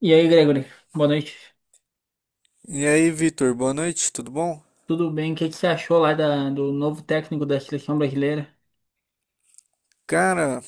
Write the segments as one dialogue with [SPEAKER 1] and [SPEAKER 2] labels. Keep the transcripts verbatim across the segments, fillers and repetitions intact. [SPEAKER 1] E aí, Gregory, boa noite.
[SPEAKER 2] E aí, Vitor, boa noite, tudo bom?
[SPEAKER 1] Tudo bem? O que que você achou lá da- do novo técnico da seleção brasileira?
[SPEAKER 2] Cara,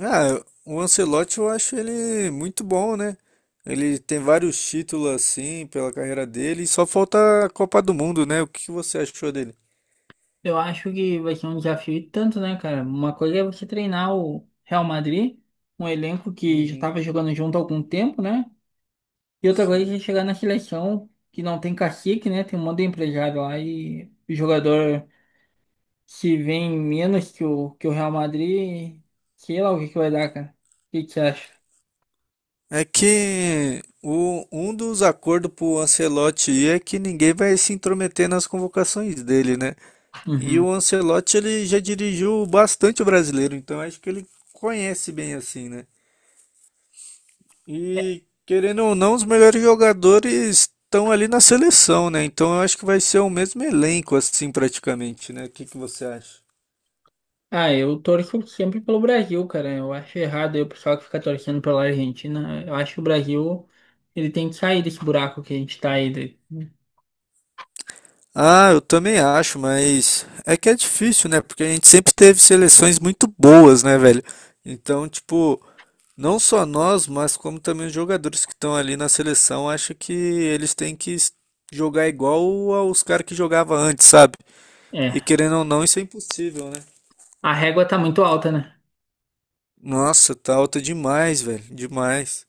[SPEAKER 2] ah, o Ancelotti eu acho ele muito bom, né? Ele tem vários títulos assim pela carreira dele e só falta a Copa do Mundo, né? O que que você achou dele?
[SPEAKER 1] Eu acho que vai ser um desafio e tanto, né, cara? Uma coisa é você treinar o Real Madrid, um elenco que já
[SPEAKER 2] Uhum,
[SPEAKER 1] estava jogando junto há algum tempo, né? E outra coisa é você
[SPEAKER 2] sim.
[SPEAKER 1] chegar na seleção que não tem cacique, né? Tem um monte de empresário lá e o jogador se vê em menos que o, que o Real Madrid, sei lá o que que vai dar, cara. O que que você acha?
[SPEAKER 2] É que o, um dos acordos pro Ancelotti ir é que ninguém vai se intrometer nas convocações dele, né? E o
[SPEAKER 1] Uhum.
[SPEAKER 2] Ancelotti ele já dirigiu bastante o brasileiro, então acho que ele conhece bem assim, né? E querendo ou não, os melhores jogadores estão ali na seleção, né? Então eu acho que vai ser o mesmo elenco, assim, praticamente, né? O que que você acha?
[SPEAKER 1] Ah, eu torço sempre pelo Brasil, cara. Eu acho errado aí o pessoal que fica torcendo pela Argentina. Eu acho que o Brasil, ele tem que sair desse buraco que a gente tá aí. de-
[SPEAKER 2] Ah, eu também acho, mas é que é difícil, né? Porque a gente sempre teve seleções muito boas, né, velho? Então, tipo, não só nós, mas como também os jogadores que estão ali na seleção, acho que eles têm que s- jogar igual aos caras que jogavam antes, sabe? E
[SPEAKER 1] É,
[SPEAKER 2] querendo ou não, isso é impossível, né?
[SPEAKER 1] a régua tá muito alta, né?
[SPEAKER 2] Nossa, tá alta demais, velho, demais.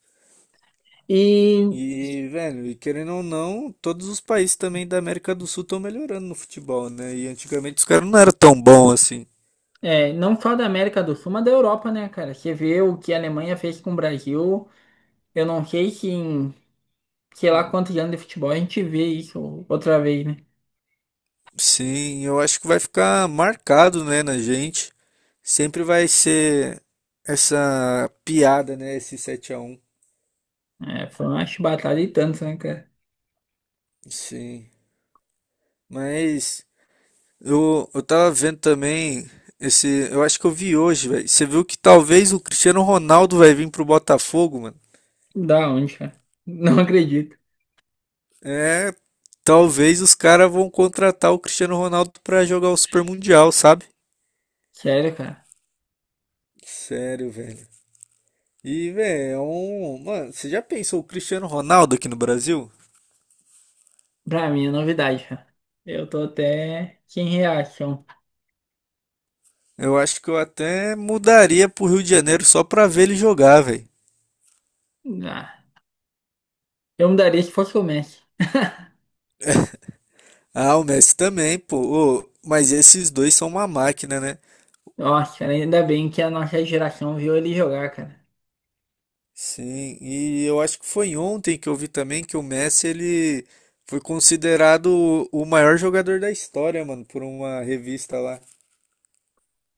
[SPEAKER 1] E
[SPEAKER 2] E, velho, e querendo ou não, todos os países também da América do Sul estão melhorando no futebol, né? E antigamente os caras não eram tão bons assim.
[SPEAKER 1] é, não só da América do Sul, mas da Europa, né, cara? Você vê o que a Alemanha fez com o Brasil. Eu não sei se em sei lá
[SPEAKER 2] Hum,
[SPEAKER 1] quantos anos de futebol a gente vê isso outra vez, né?
[SPEAKER 2] Sim, eu acho que vai ficar marcado, né, na gente. Sempre vai ser essa piada, né, esse sete a um.
[SPEAKER 1] É, foi uma chibatada e tanto, né, cara?
[SPEAKER 2] Sim, mas eu, eu tava vendo também esse, eu acho que eu vi hoje, velho. Você viu que talvez o Cristiano Ronaldo vai vir pro Botafogo, mano?
[SPEAKER 1] Da onde, cara? Não acredito.
[SPEAKER 2] É, talvez os caras vão contratar o Cristiano Ronaldo pra jogar o Super Mundial, sabe?
[SPEAKER 1] Sério, cara.
[SPEAKER 2] Sério, velho. E, velho, é um. Mano, você já pensou o Cristiano Ronaldo aqui no Brasil?
[SPEAKER 1] Pra mim é novidade, cara. Eu tô até sem reação.
[SPEAKER 2] Eu acho que eu até mudaria pro Rio de Janeiro só pra ver ele jogar, velho.
[SPEAKER 1] Ah, eu mudaria se fosse o Messi.
[SPEAKER 2] Ah, o Messi também, pô. Ô, mas esses dois são uma máquina, né?
[SPEAKER 1] Nossa, cara, ainda bem que a nossa geração viu ele jogar, cara.
[SPEAKER 2] Sim, e eu acho que foi ontem que eu vi também que o Messi, ele foi considerado o o maior jogador da história, mano, por uma revista lá.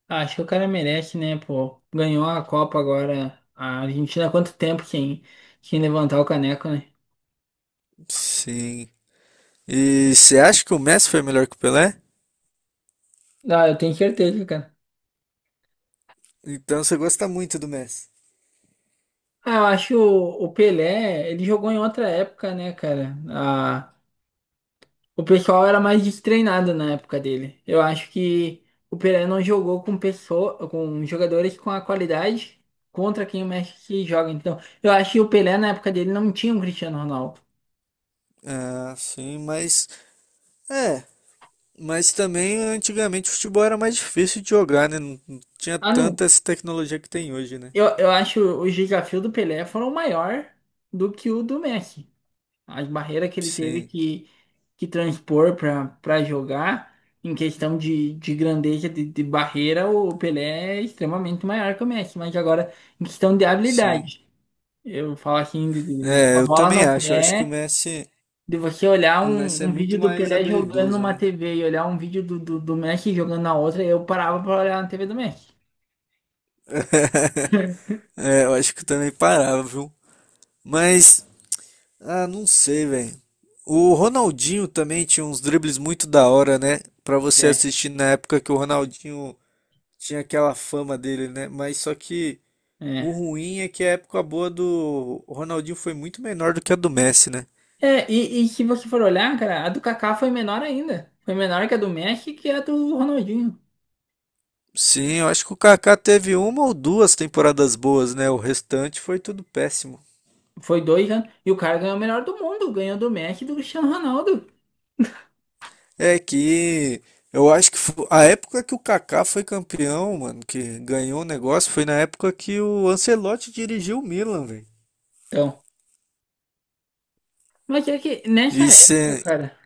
[SPEAKER 1] Acho que o cara merece, né, pô? Ganhou a Copa agora. A Argentina há quanto tempo sem, sem levantar o caneco, né?
[SPEAKER 2] Sim. E você acha que o Messi foi melhor que o Pelé?
[SPEAKER 1] Ah, eu tenho certeza, cara.
[SPEAKER 2] Então você gosta muito do Messi.
[SPEAKER 1] Ah, eu acho o, o Pelé, ele jogou em outra época, né, cara? Ah, o pessoal era mais destreinado na época dele. Eu acho que o Pereira não jogou com pessoa, com jogadores com a qualidade contra quem o Messi joga. Então, eu acho que o Pelé na época dele não tinha um Cristiano Ronaldo.
[SPEAKER 2] Ah, sim, mas é, mas também antigamente o futebol era mais difícil de jogar, né? Não, não tinha
[SPEAKER 1] Ah, não.
[SPEAKER 2] tanta essa tecnologia que tem hoje, né?
[SPEAKER 1] Eu, eu acho os desafios do Pelé foram maior do que o do Messi. As barreiras que ele teve
[SPEAKER 2] Sim,
[SPEAKER 1] que, que transpor para para jogar, em questão de, de grandeza de, de barreira, o Pelé é extremamente maior que o Messi. Mas agora, em questão de
[SPEAKER 2] sim.
[SPEAKER 1] habilidade. Eu falo assim, de, de- de- com
[SPEAKER 2] É,
[SPEAKER 1] a
[SPEAKER 2] eu
[SPEAKER 1] bola
[SPEAKER 2] também
[SPEAKER 1] no
[SPEAKER 2] acho. Eu acho que o
[SPEAKER 1] pé,
[SPEAKER 2] Messi,
[SPEAKER 1] de você olhar
[SPEAKER 2] o
[SPEAKER 1] um,
[SPEAKER 2] Messi é
[SPEAKER 1] um
[SPEAKER 2] muito
[SPEAKER 1] vídeo do
[SPEAKER 2] mais
[SPEAKER 1] Pelé jogando
[SPEAKER 2] habilidoso,
[SPEAKER 1] numa
[SPEAKER 2] né?
[SPEAKER 1] T V e olhar um vídeo do, do, do Messi jogando na outra, eu parava pra olhar na T V do Messi.
[SPEAKER 2] É, eu acho que eu também parava, viu? Mas ah, não sei, velho. O Ronaldinho também tinha uns dribles muito da hora, né? Pra você
[SPEAKER 1] É.
[SPEAKER 2] assistir na época que o Ronaldinho tinha aquela fama dele, né? Mas só que o
[SPEAKER 1] É,
[SPEAKER 2] ruim é que a época boa do Ronaldinho foi muito menor do que a do Messi, né?
[SPEAKER 1] é e, e se você for olhar, cara, a do Kaká foi menor ainda. Foi menor que a do Messi que a do Ronaldinho.
[SPEAKER 2] Sim, eu acho que o Kaká teve uma ou duas temporadas boas, né? O restante foi tudo péssimo.
[SPEAKER 1] Foi dois anos. E o cara ganhou o melhor do mundo, ganhou do Messi e do Cristiano Ronaldo.
[SPEAKER 2] É que eu acho que fo- a época que o Kaká foi campeão, mano, que ganhou o negócio, foi na época que o Ancelotti dirigiu o Milan, velho.
[SPEAKER 1] Então, mas é que nessa
[SPEAKER 2] E se,
[SPEAKER 1] época, cara,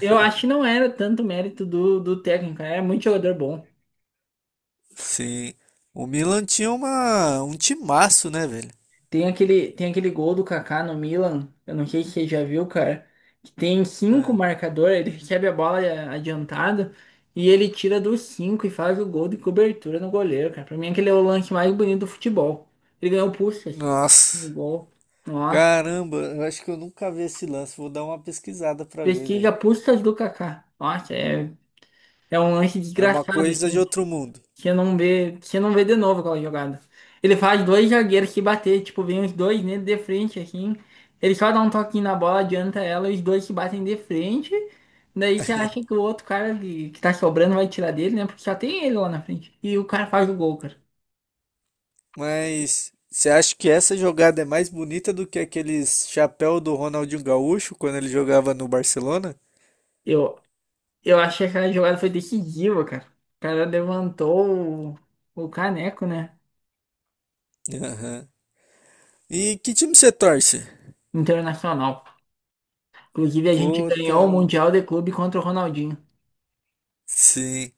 [SPEAKER 1] eu acho que não era tanto mérito do, do técnico, era muito jogador bom.
[SPEAKER 2] se o Milan tinha uma um timaço, né, velho?
[SPEAKER 1] Tem aquele, tem aquele gol do Kaká no Milan, eu não sei se você já viu, cara, que tem cinco
[SPEAKER 2] É.
[SPEAKER 1] marcadores, ele recebe a bola a- adiantada e ele tira dos cinco e faz o gol de cobertura no goleiro, cara. Pra mim aquele é o lance mais bonito do futebol. Ele ganhou Puskas,
[SPEAKER 2] Nossa,
[SPEAKER 1] um gol. Nossa,
[SPEAKER 2] caramba, eu acho que eu nunca vi esse lance. Vou dar uma pesquisada pra ver, velho.
[SPEAKER 1] pesquisa Puskas do Kaká. Nossa, é, é um lance
[SPEAKER 2] É uma
[SPEAKER 1] desgraçado,
[SPEAKER 2] coisa de
[SPEAKER 1] assim,
[SPEAKER 2] outro mundo.
[SPEAKER 1] que não vê, que não vê de novo aquela jogada. Ele faz dois zagueiros se bater, tipo, vem os dois nele de frente, assim. Ele só dá um toquinho na bola, adianta ela, os dois se batem de frente. Daí você acha que o outro cara que, que tá sobrando vai tirar dele, né? Porque só tem ele lá na frente. E o cara faz o gol, cara.
[SPEAKER 2] Mas você acha que essa jogada é mais bonita do que aqueles chapéu do Ronaldinho Gaúcho quando ele jogava no Barcelona?
[SPEAKER 1] Eu, eu achei que aquela jogada foi decisiva, cara. O cara levantou o, o caneco, né?
[SPEAKER 2] Aham. E que time você torce?
[SPEAKER 1] Internacional. Inclusive, a gente
[SPEAKER 2] Puta,
[SPEAKER 1] ganhou o Mundial de Clube contra o Ronaldinho.
[SPEAKER 2] sim,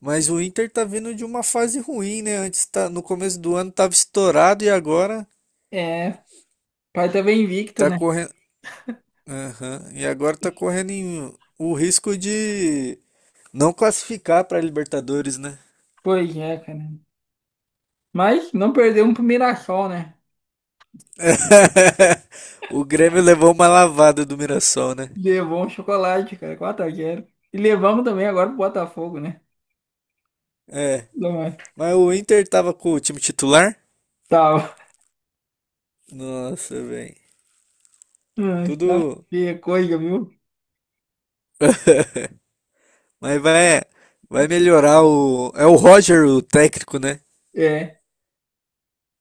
[SPEAKER 2] mas o Inter tá vindo de uma fase ruim, né? Antes tá, no começo do ano tava estourado e agora
[SPEAKER 1] É, pai tá bem invicto,
[SPEAKER 2] tá
[SPEAKER 1] né?
[SPEAKER 2] correndo, aham, e agora tá correndo em- o risco de não classificar pra Libertadores, né?
[SPEAKER 1] Pois é, cara. Mas não perdemos pro Mirassol, né?
[SPEAKER 2] O Grêmio levou uma lavada do Mirassol, né?
[SPEAKER 1] Levou um chocolate, cara, quatro a zero. E levamos também agora pro Botafogo, né?
[SPEAKER 2] É,
[SPEAKER 1] Não.
[SPEAKER 2] mas o Inter tava com o time titular?
[SPEAKER 1] Tá.
[SPEAKER 2] Nossa, velho.
[SPEAKER 1] Ai,
[SPEAKER 2] Tudo.
[SPEAKER 1] tá feia a coisa, viu?
[SPEAKER 2] Mas vai, vai melhorar o. É o Roger, o técnico, né?
[SPEAKER 1] É.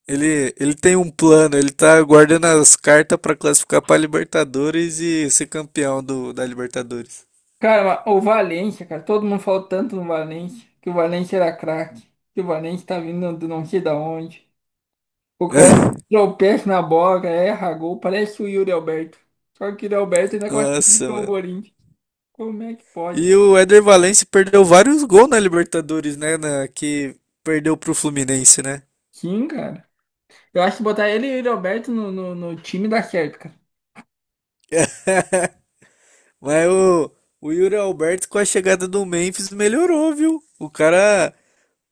[SPEAKER 2] Ele, ele tem um plano, ele tá guardando as cartas pra classificar pra Libertadores e ser campeão do, da Libertadores.
[SPEAKER 1] Cara, mas o Valência, cara, todo mundo falou tanto no Valência, que o Valência era craque, que o Valência tá vindo do não sei da onde. O cara tropeça na bola, cara, erra gol, parece o Yuri Alberto. Só que o Yuri Alberto ainda
[SPEAKER 2] Nossa,
[SPEAKER 1] classifica o
[SPEAKER 2] mano.
[SPEAKER 1] Corinthians. Como é que pode?
[SPEAKER 2] E o Éder Valencia perdeu vários gols na Libertadores, né? Na- que perdeu pro Fluminense, né?
[SPEAKER 1] Sim, cara. Eu acho que botar ele e o Yuri Alberto no, no, no time dá certo, cara.
[SPEAKER 2] Mas o, o Yuri Alberto, com a chegada do Memphis, melhorou, viu? O cara,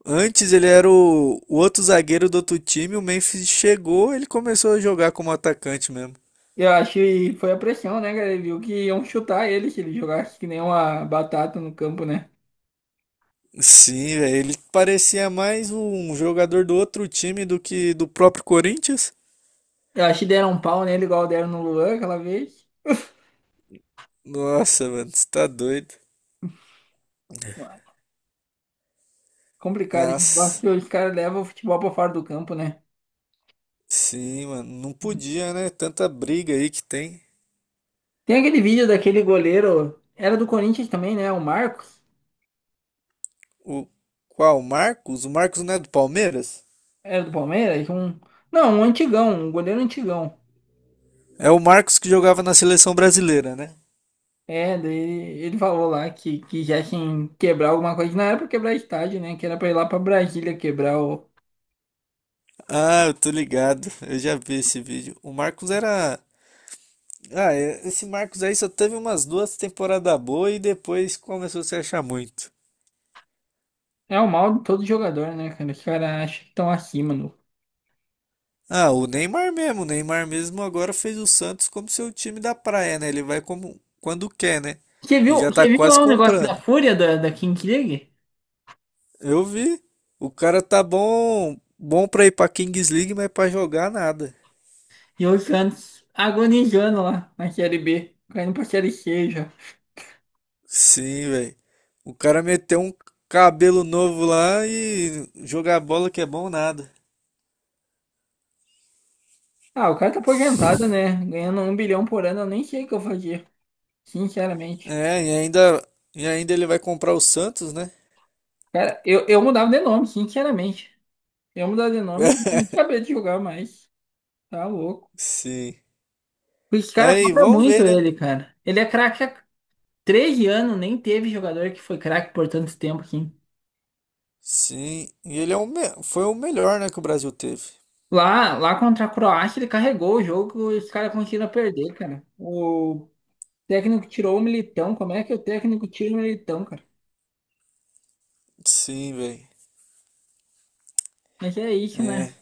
[SPEAKER 2] antes ele era o, o outro zagueiro do outro time, o Memphis chegou, ele começou a jogar como atacante mesmo.
[SPEAKER 1] Eu acho que foi a pressão, né, cara? Ele viu que iam chutar ele se ele jogasse que nem uma batata no campo, né?
[SPEAKER 2] Sim, velho, ele parecia mais um jogador do outro time do que do próprio Corinthians.
[SPEAKER 1] Eu acho que deram um pau nele igual deram no Luan aquela vez.
[SPEAKER 2] Nossa, mano, você tá doido.
[SPEAKER 1] Complicado, a gente gosta
[SPEAKER 2] Mas,
[SPEAKER 1] que os caras levam o futebol pra fora do campo, né?
[SPEAKER 2] sim, mano, não podia, né? Tanta briga aí que tem.
[SPEAKER 1] Tem aquele vídeo daquele goleiro, era do Corinthians também, né? O Marcos,
[SPEAKER 2] O qual? O Marcos? O Marcos não é do Palmeiras?
[SPEAKER 1] era do Palmeiras, um... Não, um antigão, um goleiro antigão.
[SPEAKER 2] É o Marcos que jogava na seleção brasileira, né?
[SPEAKER 1] É, daí ele falou lá que, que já tinha que quebrar alguma coisa, não era pra quebrar estádio, né? Que era pra ir lá pra Brasília quebrar o.
[SPEAKER 2] Ah, eu tô ligado. Eu já vi esse vídeo. O Marcos era. Ah, é- esse Marcos aí só teve umas duas temporadas boas e depois começou a se achar muito.
[SPEAKER 1] É o mal de todo jogador, né, cara? Os caras acham que estão acima, no.
[SPEAKER 2] Ah, o Neymar mesmo. O Neymar mesmo agora fez o Santos como seu time da praia, né? Ele vai como quando quer, né?
[SPEAKER 1] Você
[SPEAKER 2] E
[SPEAKER 1] viu,
[SPEAKER 2] já
[SPEAKER 1] você
[SPEAKER 2] tá
[SPEAKER 1] viu
[SPEAKER 2] quase
[SPEAKER 1] lá o negócio da
[SPEAKER 2] comprando.
[SPEAKER 1] Fúria da, da Kings League?
[SPEAKER 2] Eu vi. O cara tá bom, bom pra ir pra Kings League, mas pra jogar nada.
[SPEAKER 1] E o Santos agonizando lá na Série B, caindo pra Série C já.
[SPEAKER 2] Sim, velho. O cara meteu um cabelo novo lá e jogar bola que é bom nada.
[SPEAKER 1] Ah, o cara tá aposentado, né? Ganhando um bilhão por ano, eu nem sei o que eu fazia, sinceramente.
[SPEAKER 2] É, e ainda, e ainda ele vai comprar o Santos, né?
[SPEAKER 1] Cara, eu, eu mudava de nome, sinceramente. Eu mudava de nome, eu não sabia de jogar mais. Tá louco.
[SPEAKER 2] Sim.
[SPEAKER 1] Os
[SPEAKER 2] Mas
[SPEAKER 1] caras
[SPEAKER 2] aí
[SPEAKER 1] cobram
[SPEAKER 2] vamos
[SPEAKER 1] muito
[SPEAKER 2] ver, né?
[SPEAKER 1] ele, cara. Ele é craque há treze anos, nem teve jogador que foi craque por tanto tempo assim.
[SPEAKER 2] Sim, e ele é o me- foi o melhor, né, que o Brasil teve.
[SPEAKER 1] Lá, lá contra a Croácia, ele carregou o jogo e os caras conseguiram perder, cara. O técnico tirou o Militão. Como é que o técnico tira o Militão, cara?
[SPEAKER 2] Sim, velho.
[SPEAKER 1] Mas é isso,
[SPEAKER 2] É.
[SPEAKER 1] né?